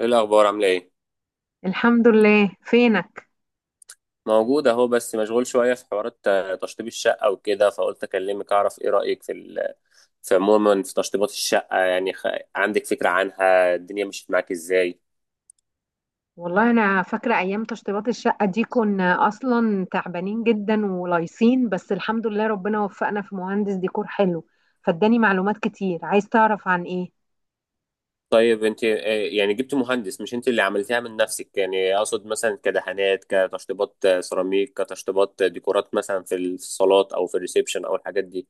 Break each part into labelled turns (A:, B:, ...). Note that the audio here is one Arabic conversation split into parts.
A: ايه الاخبار؟ عامله ايه؟
B: الحمد لله. فينك؟
A: موجود اهو، بس مشغول شويه في حوارات، تشطيب الشقه وكده. فقلت اكلمك اعرف ايه رايك في في عموما في تشطيبات الشقه. يعني عندك فكره عنها؟ الدنيا مشيت معاك ازاي؟
B: والله انا فاكره ايام تشطيبات الشقه دي، كنا اصلا تعبانين جدا ولايصين، بس الحمد لله ربنا وفقنا في مهندس ديكور حلو فاداني معلومات كتير. عايز تعرف عن ايه؟
A: طيب انت، يعني جبت مهندس، مش انت اللي عملتها من نفسك؟ يعني اقصد مثلا كدهانات، كتشطيبات سيراميك، كتشطيبات ديكورات، مثلا في الصالات او في الريسبشن او الحاجات دي،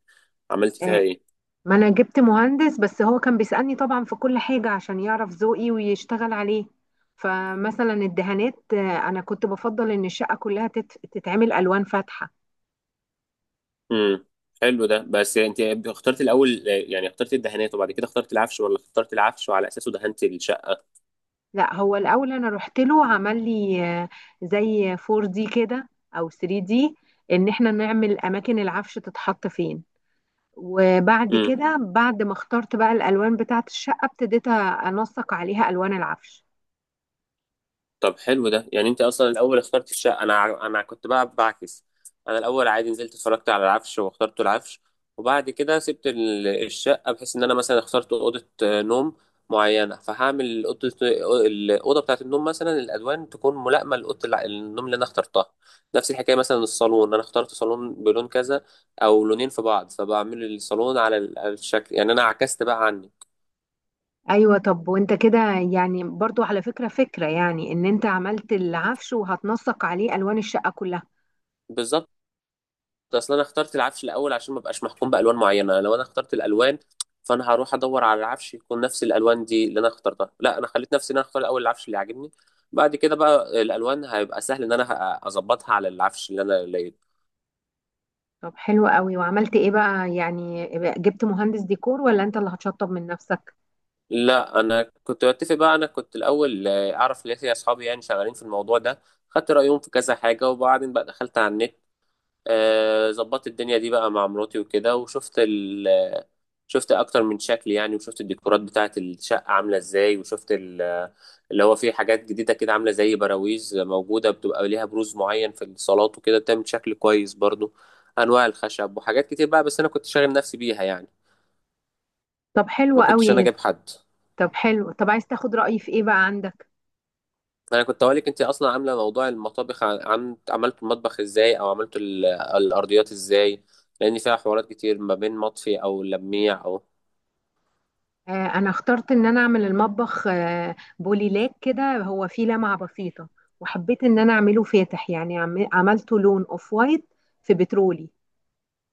A: عملت فيها
B: آه،
A: ايه؟
B: ما انا جبت مهندس بس هو كان بيسألني طبعا في كل حاجه عشان يعرف ذوقي ويشتغل عليه. فمثلا الدهانات، آه، انا كنت بفضل ان الشقه كلها تتعمل الوان فاتحه.
A: امم حلو ده. بس انت اخترت الاول يعني اخترت الدهانات وبعد كده اخترت العفش، ولا اخترت العفش وعلى اساسه دهنت الشقه؟
B: لا، هو الاول انا رحت له عمل لي زي 4 دي كده او 3 دي، ان احنا نعمل اماكن العفش تتحط فين. وبعد كده، بعد ما اخترت بقى الالوان بتاعه الشقه، ابتديت انسق عليها الوان العفش.
A: طب حلو ده. يعني انت اصلا الاول اخترت الشقه. انا كنت بقى بعكس. انا الاول عادي نزلت اتفرجت على العفش واخترت العفش، وبعد كده سبت الشقه، بحيث ان انا مثلا اخترت اوضه نوم معينه فهعمل اوضه، الاوضه بتاعه النوم مثلا الالوان تكون ملائمه النوم اللي انا اخترتها. نفس الحكايه مثلا الصالون، انا اخترت صالون بلون كذا او لونين في بعض، فبعمل الصالون على على الشكل. يعني انا عكست بقى عني.
B: ايوه. طب وانت كده يعني، برضو على فكره يعني ان انت عملت العفش وهتنسق عليه الوان الشقه كلها.
A: بالظبط. اصل انا اخترت العفش الاول عشان ما ابقاش محكوم بالوان معينه. لو انا اخترت الالوان فانا هروح ادور على العفش يكون نفس الالوان دي اللي انا اخترتها. لا، انا خليت نفسي ان انا اختار الاول العفش اللي عاجبني، بعد كده بقى الالوان هيبقى سهل ان انا اظبطها على العفش اللي انا لقيته.
B: طب حلو قوي. وعملت ايه بقى يعني؟ جبت مهندس ديكور ولا انت اللي هتشطب من نفسك؟
A: لا، انا كنت بتفق بقى. انا كنت الاول اعرف ليه اصحابي يعني شغالين في الموضوع ده، خدت رايهم في كذا حاجه، وبعدين بقى دخلت على النت. ظبطت الدنيا دي بقى مع مراتي وكده، وشفت شفت اكتر من شكل يعني، وشفت الديكورات بتاعه الشقه عامله ازاي، وشفت اللي هو فيه حاجات جديده كده، عامله زي براويز موجوده بتبقى ليها بروز معين في الصالات وكده، بتعمل شكل كويس برضو. انواع الخشب وحاجات كتير بقى، بس انا كنت شاغل نفسي بيها يعني.
B: طب حلو
A: ما كنتش انا
B: قوي.
A: جايب حد.
B: طب حلو. طب عايز تاخد رأيي في ايه بقى عندك؟
A: انا كنت اقولك انت اصلا عامله موضوع المطابخ، عملت المطبخ ازاي؟ او عملت الارضيات ازاي؟ لان فيها حوارات كتير ما بين مطفي او لميع او،
B: آه، انا اخترت ان انا اعمل المطبخ بوليلاك كده، هو فيه لمعة بسيطة. وحبيت ان انا اعمله فاتح، يعني عملته لون اوف وايت في بترولي.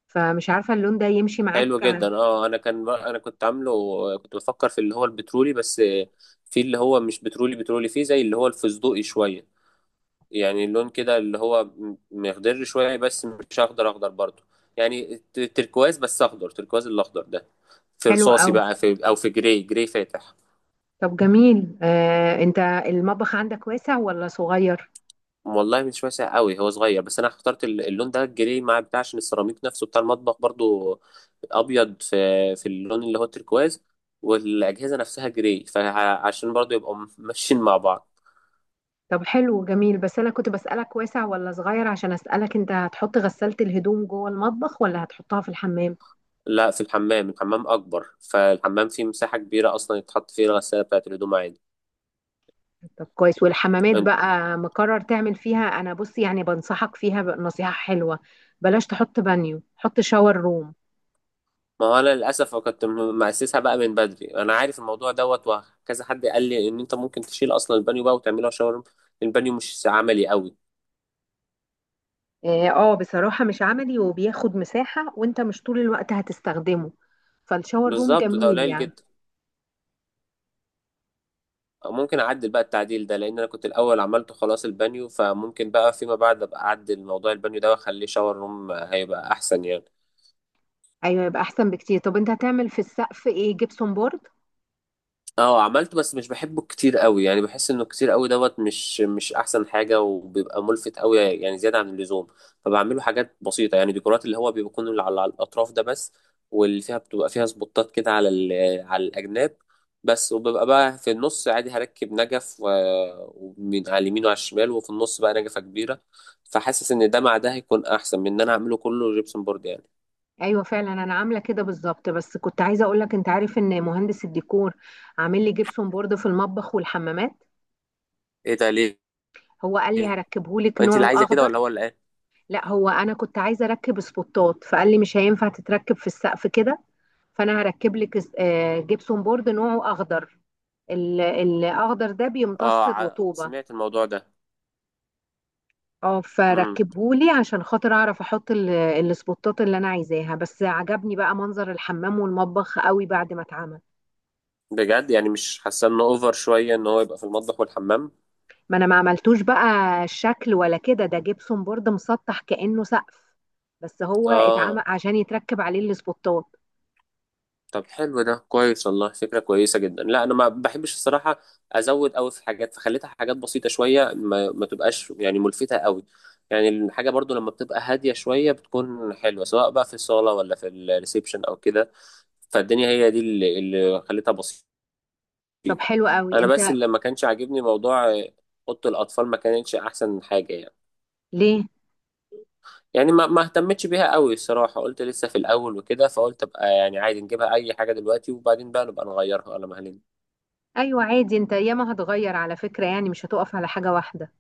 B: فمش عارفة اللون ده يمشي
A: حلو
B: معاك؟
A: جدا. انا كنت عامله، كنت بفكر في اللي هو البترولي. بس في اللي هو مش بترولي بترولي، فيه زي اللي هو الفستقي شويه، يعني اللون كده اللي هو مخضر شويه بس مش اخضر اخضر برضه. يعني تركواز، بس اخضر تركواز، الاخضر ده. في
B: حلو
A: رصاصي
B: قوي.
A: بقى، في او في جراي، جراي فاتح.
B: طب جميل، انت المطبخ عندك واسع ولا صغير؟
A: والله مش واسع قوي، هو صغير، بس انا اخترت اللون ده الجري مع بتاع، عشان السيراميك نفسه بتاع المطبخ برضو ابيض، في في اللون اللي هو التركواز، والاجهزه نفسها جري، فعشان برضو يبقوا ماشيين مع بعض.
B: طب حلو جميل، بس انا كنت بسألك واسع ولا صغير عشان اسألك انت هتحط غسالة الهدوم جوه المطبخ ولا هتحطها في الحمام؟
A: لا، في الحمام. الحمام اكبر، فالحمام فيه مساحه كبيره اصلا يتحط فيه الغساله بتاعه الهدوم عادي.
B: طب كويس. والحمامات
A: أن-
B: بقى مقرر تعمل فيها، انا بص يعني بنصحك فيها نصيحة حلوة. بلاش تحط بانيو، حط شاور روم.
A: ما هو انا للاسف كنت مأسسها بقى من بدري. انا عارف الموضوع دوت، وكذا حد قال لي ان انت ممكن تشيل اصلا البانيو بقى وتعمله شاور. البانيو مش عملي قوي.
B: اه، بصراحة مش عملي وبياخد مساحة، وانت مش طول الوقت هتستخدمه، فالشاور روم
A: بالظبط، ده
B: جميل
A: قليل
B: يعني.
A: جدا. ممكن اعدل بقى التعديل ده، لان انا كنت الاول عملته خلاص البانيو، فممكن بقى فيما بعد ابقى اعدل موضوع البانيو ده واخليه شاور روم، هيبقى احسن يعني.
B: ايوه يبقى احسن بكتير. طب انت هتعمل في السقف ايه؟ جبسون بورد؟
A: اه، عملته. بس مش بحبه كتير قوي يعني، بحس انه كتير قوي دوت، مش احسن حاجه، وبيبقى ملفت قوي يعني زياده عن اللزوم. فبعمله حاجات بسيطه، يعني ديكورات اللي هو بيكون اللي على على الاطراف ده بس، واللي فيها بتبقى فيها سبوتات كده على على الاجناب بس. وببقى بقى في النص عادي هركب نجف، ومن على اليمين وعلى الشمال وفي النص بقى نجفه كبيره. فحاسس ان ده مع ده هيكون احسن من ان انا اعمله كله جبسن بورد يعني.
B: ايوه فعلا انا عامله كده بالظبط، بس كنت عايزه اقول لك، انت عارف ان مهندس الديكور عامل لي جبسون بورد في المطبخ والحمامات.
A: ايه ده؟ ليه؟
B: هو قال لي هركبه لك
A: انت اللي
B: نوعه
A: عايزه كده
B: اخضر.
A: ولا هو اللي قال؟
B: لا، هو انا كنت عايزه اركب سبوتات، فقال لي مش هينفع تتركب في السقف كده، فانا هركب لك جبسون بورد نوعه اخضر. الاخضر ده
A: اه،
B: بيمتص الرطوبه.
A: سمعت الموضوع ده.
B: اه،
A: مم.
B: فركبهولي عشان خاطر اعرف احط السبوتات اللي انا عايزاها، بس عجبني بقى منظر الحمام والمطبخ قوي بعد ما اتعمل.
A: بجد؟ يعني مش حاسه انه اوفر شويه ان هو يبقى في المطبخ والحمام؟
B: ما انا ما عملتوش بقى الشكل ولا كده، ده جبسون بورد مسطح كانه سقف، بس هو اتعمل
A: اه.
B: عشان يتركب عليه السبوتات.
A: طب حلو، ده كويس والله، فكره كويسه جدا. لا انا ما بحبش الصراحه ازود قوي في حاجات، فخليتها حاجات بسيطه شويه، ما تبقاش يعني ملفته قوي. يعني الحاجه برضو لما بتبقى هاديه شويه بتكون حلوه، سواء بقى في الصاله ولا في الريسبشن او كده. فالدنيا هي دي اللي خليتها بسيطه.
B: طب حلو قوي
A: انا بس
B: انت.
A: اللي ما كانش عاجبني موضوع، اوضه الاطفال ما كانتش احسن حاجه يعني.
B: ليه؟
A: يعني ما اهتمتش بيها قوي الصراحة، قلت لسه في الأول وكده، فقلت أبقى يعني عادي نجيبها أي حاجة دلوقتي وبعدين بقى نبقى نغيرها ولا مهلين.
B: ايوه عادي، انت ياما هتغير على فكره يعني، مش هتقف على حاجه واحده.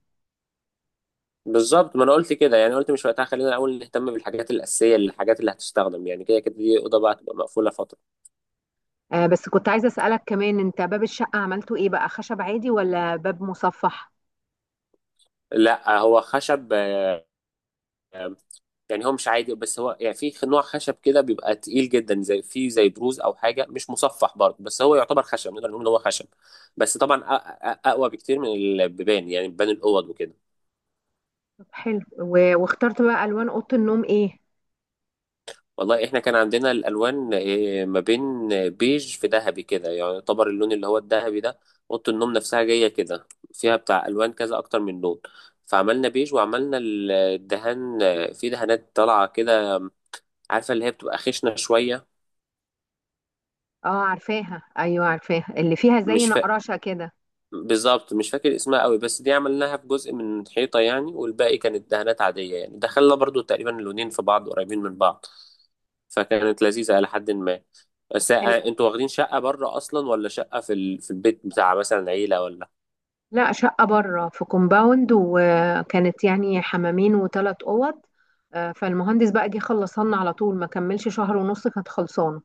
A: بالظبط، ما أنا قلت كده. يعني قلت مش وقتها، خلينا الأول نهتم بالحاجات الأساسية، الحاجات اللي هتستخدم يعني، كده كده دي أوضة بقى تبقى مقفولة فترة.
B: بس كنت عايزه اسالك كمان، انت باب الشقه عملته ايه بقى، خشب عادي ولا باب مصفح؟
A: لا هو خشب، آه، يعني هو مش عادي، بس هو يعني في نوع خشب كده بيبقى تقيل جدا، زي في زي بروز أو حاجة، مش مصفح برضه، بس هو يعتبر خشب، نقدر نقول إن هو خشب. بس طبعا أقوى بكتير من البيبان يعني، بيبان الأوض وكده.
B: طب حلو واخترت بقى الوان اوضه النوم ايه؟
A: والله احنا كان عندنا الالوان، ما بين بيج في ذهبي كده، يعني يعتبر اللون اللي هو الذهبي ده. اوضه النوم نفسها جايه كده، فيها بتاع الوان كذا، اكتر من لون. فعملنا بيج، وعملنا الدهان، في دهانات طالعه كده، عارفه اللي هي بتبقى خشنه شويه.
B: اه عارفاها، ايوه عارفاها، اللي فيها زي
A: مش فا...
B: نقراشه كده.
A: بالظبط مش فاكر اسمها قوي، بس دي عملناها في جزء من الحيطه يعني، والباقي كانت دهانات عاديه يعني، دخلنا برضو تقريبا اللونين في بعض قريبين من بعض. فكانت لذيذة إلى حد ما.
B: طب
A: بس
B: حلو.
A: انتوا واخدين شقة بره أصلا، ولا شقة في في البيت بتاع مثلا عيلة، ولا؟
B: لا، شقه بره في كومباوند، وكانت يعني حمامين وثلاث اوض. فالمهندس بقى جه خلصنا على طول، ما كملش شهر ونص كانت خلصانه.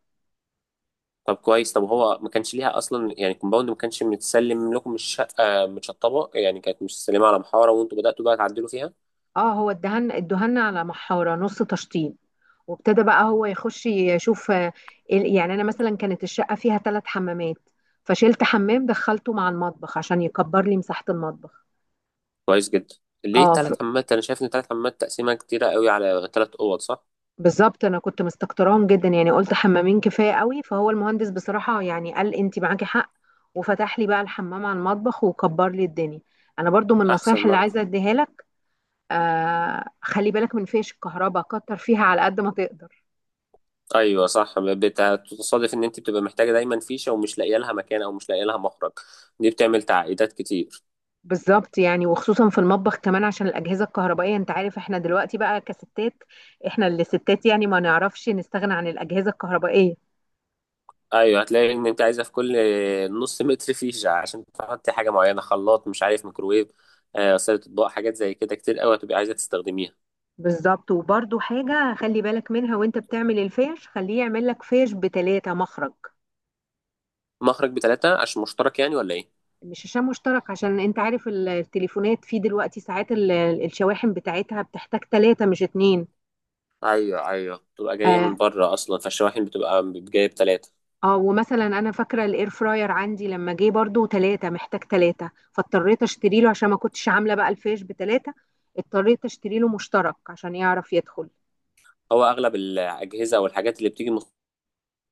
A: طب كويس. طب هو ما كانش ليها أصلا يعني، الكومباوند ما كانش متسلم لكم الشقة متشطبة يعني؟ كانت متسلمة على محارة وانتوا بدأتوا بقى تعدلوا فيها؟
B: اه، هو ادهن على محاره نص تشطيب، وابتدى بقى هو يخش يشوف، يعني انا مثلا كانت الشقه فيها ثلاث حمامات، فشلت حمام دخلته مع المطبخ عشان يكبر لي مساحه المطبخ.
A: كويس جدا. ليه
B: اه،
A: تلات حمامات؟ أنا شايف إن تلات حمامات تقسيمة كتيرة قوي على تلات أوض، صح؟
B: بالظبط انا كنت مستكتراهم جدا، يعني قلت حمامين كفايه قوي، فهو المهندس بصراحه يعني قال انت معاكي حق، وفتح لي بقى الحمام على المطبخ وكبر لي الدنيا. انا برضو من النصايح
A: أحسن
B: اللي
A: برضه.
B: عايزه اديها لك، خلي بالك من فيش الكهرباء، كتر فيها على قد ما تقدر.
A: أيوه صح، بتصادف إن أنت بتبقى محتاجة دايما فيشة ومش لاقية لها مكان أو مش لاقية لها مخرج. دي بتعمل تعقيدات كتير.
B: بالظبط، يعني وخصوصا في المطبخ كمان عشان الأجهزة الكهربائية. انت عارف احنا دلوقتي بقى كستات، احنا اللي ستات يعني ما نعرفش نستغنى عن الأجهزة الكهربائية.
A: ايوه، هتلاقي ان انت عايزه في كل نص متر فيشه، عشان تحطي حاجه معينه، خلاط، مش عارف، ميكروويف، غساله اطباق، حاجات زي كده كتير قوي هتبقي عايزه تستخدميها.
B: بالظبط. وبرضو حاجة خلي بالك منها وانت بتعمل الفيش، خليه يعمل لك فيش بتلاتة مخرج.
A: مخرج بتلاتة عشان مشترك يعني، ولا ايه؟
B: مش شاشة مشترك، عشان انت عارف التليفونات فيه دلوقتي ساعات، الشواحن بتاعتها بتحتاج تلاتة مش اتنين.
A: ايوه بتبقى جايه
B: آه،
A: من بره اصلا، فالشواحن بتبقى جايه بتلاتة.
B: اه، ومثلا انا فاكره الاير فراير عندي لما جه برضو ثلاثه محتاج ثلاثه، فاضطريت اشتري له عشان ما كنتش عامله بقى الفيش بثلاثه، اضطريت اشتري له مشترك عشان يعرف يدخل.
A: هو اغلب الاجهزه او الحاجات اللي بتيجي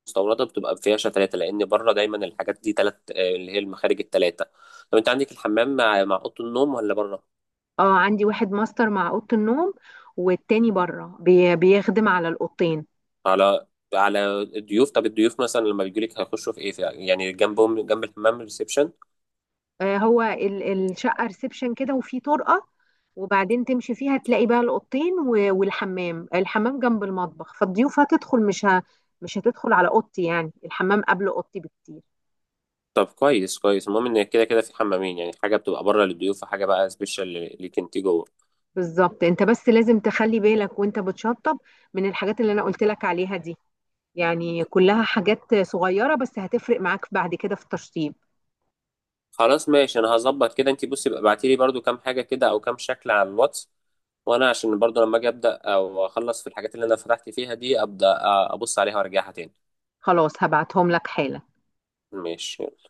A: مستورده بتبقى فيها تلاتة، لان بره دايما الحاجات دي تلات، اللي هي المخارج التلاتة. طب انت عندك الحمام مع اوضه النوم ولا بره؟
B: اه عندي واحد ماستر مع اوضه النوم، والتاني بره بي بيخدم على الاوضتين.
A: على على الضيوف. طب الضيوف مثلا لما بيجوا لك هيخشوا في ايه؟ في يعني جنبهم جنب الحمام ريسبشن؟
B: هو الشقه ريسبشن كده وفي طرقه، وبعدين تمشي فيها تلاقي بقى الاوضتين والحمام، الحمام جنب المطبخ، فالضيوف هتدخل مش هتدخل على اوضتي، يعني الحمام قبل اوضتي بكتير.
A: طب كويس كويس، المهم ان كده كده في حمامين، يعني حاجه بتبقى بره للضيوف وحاجه بقى سبيشال ليك انت جوه.
B: بالظبط. انت بس لازم تخلي بالك وانت بتشطب من الحاجات اللي انا قلت لك عليها دي، يعني كلها حاجات صغيرة بس هتفرق معاك بعد كده في التشطيب.
A: خلاص ماشي، انا هظبط كده. انت بصي بقى، ابعتي لي برده كام حاجه كده او كام شكل على الواتس، وانا عشان برضو لما اجي ابدا او اخلص في الحاجات اللي انا فتحت فيها دي، ابدا ابص عليها وارجعها تاني.
B: خلاص هبعتهم لك حالا.
A: ماشي.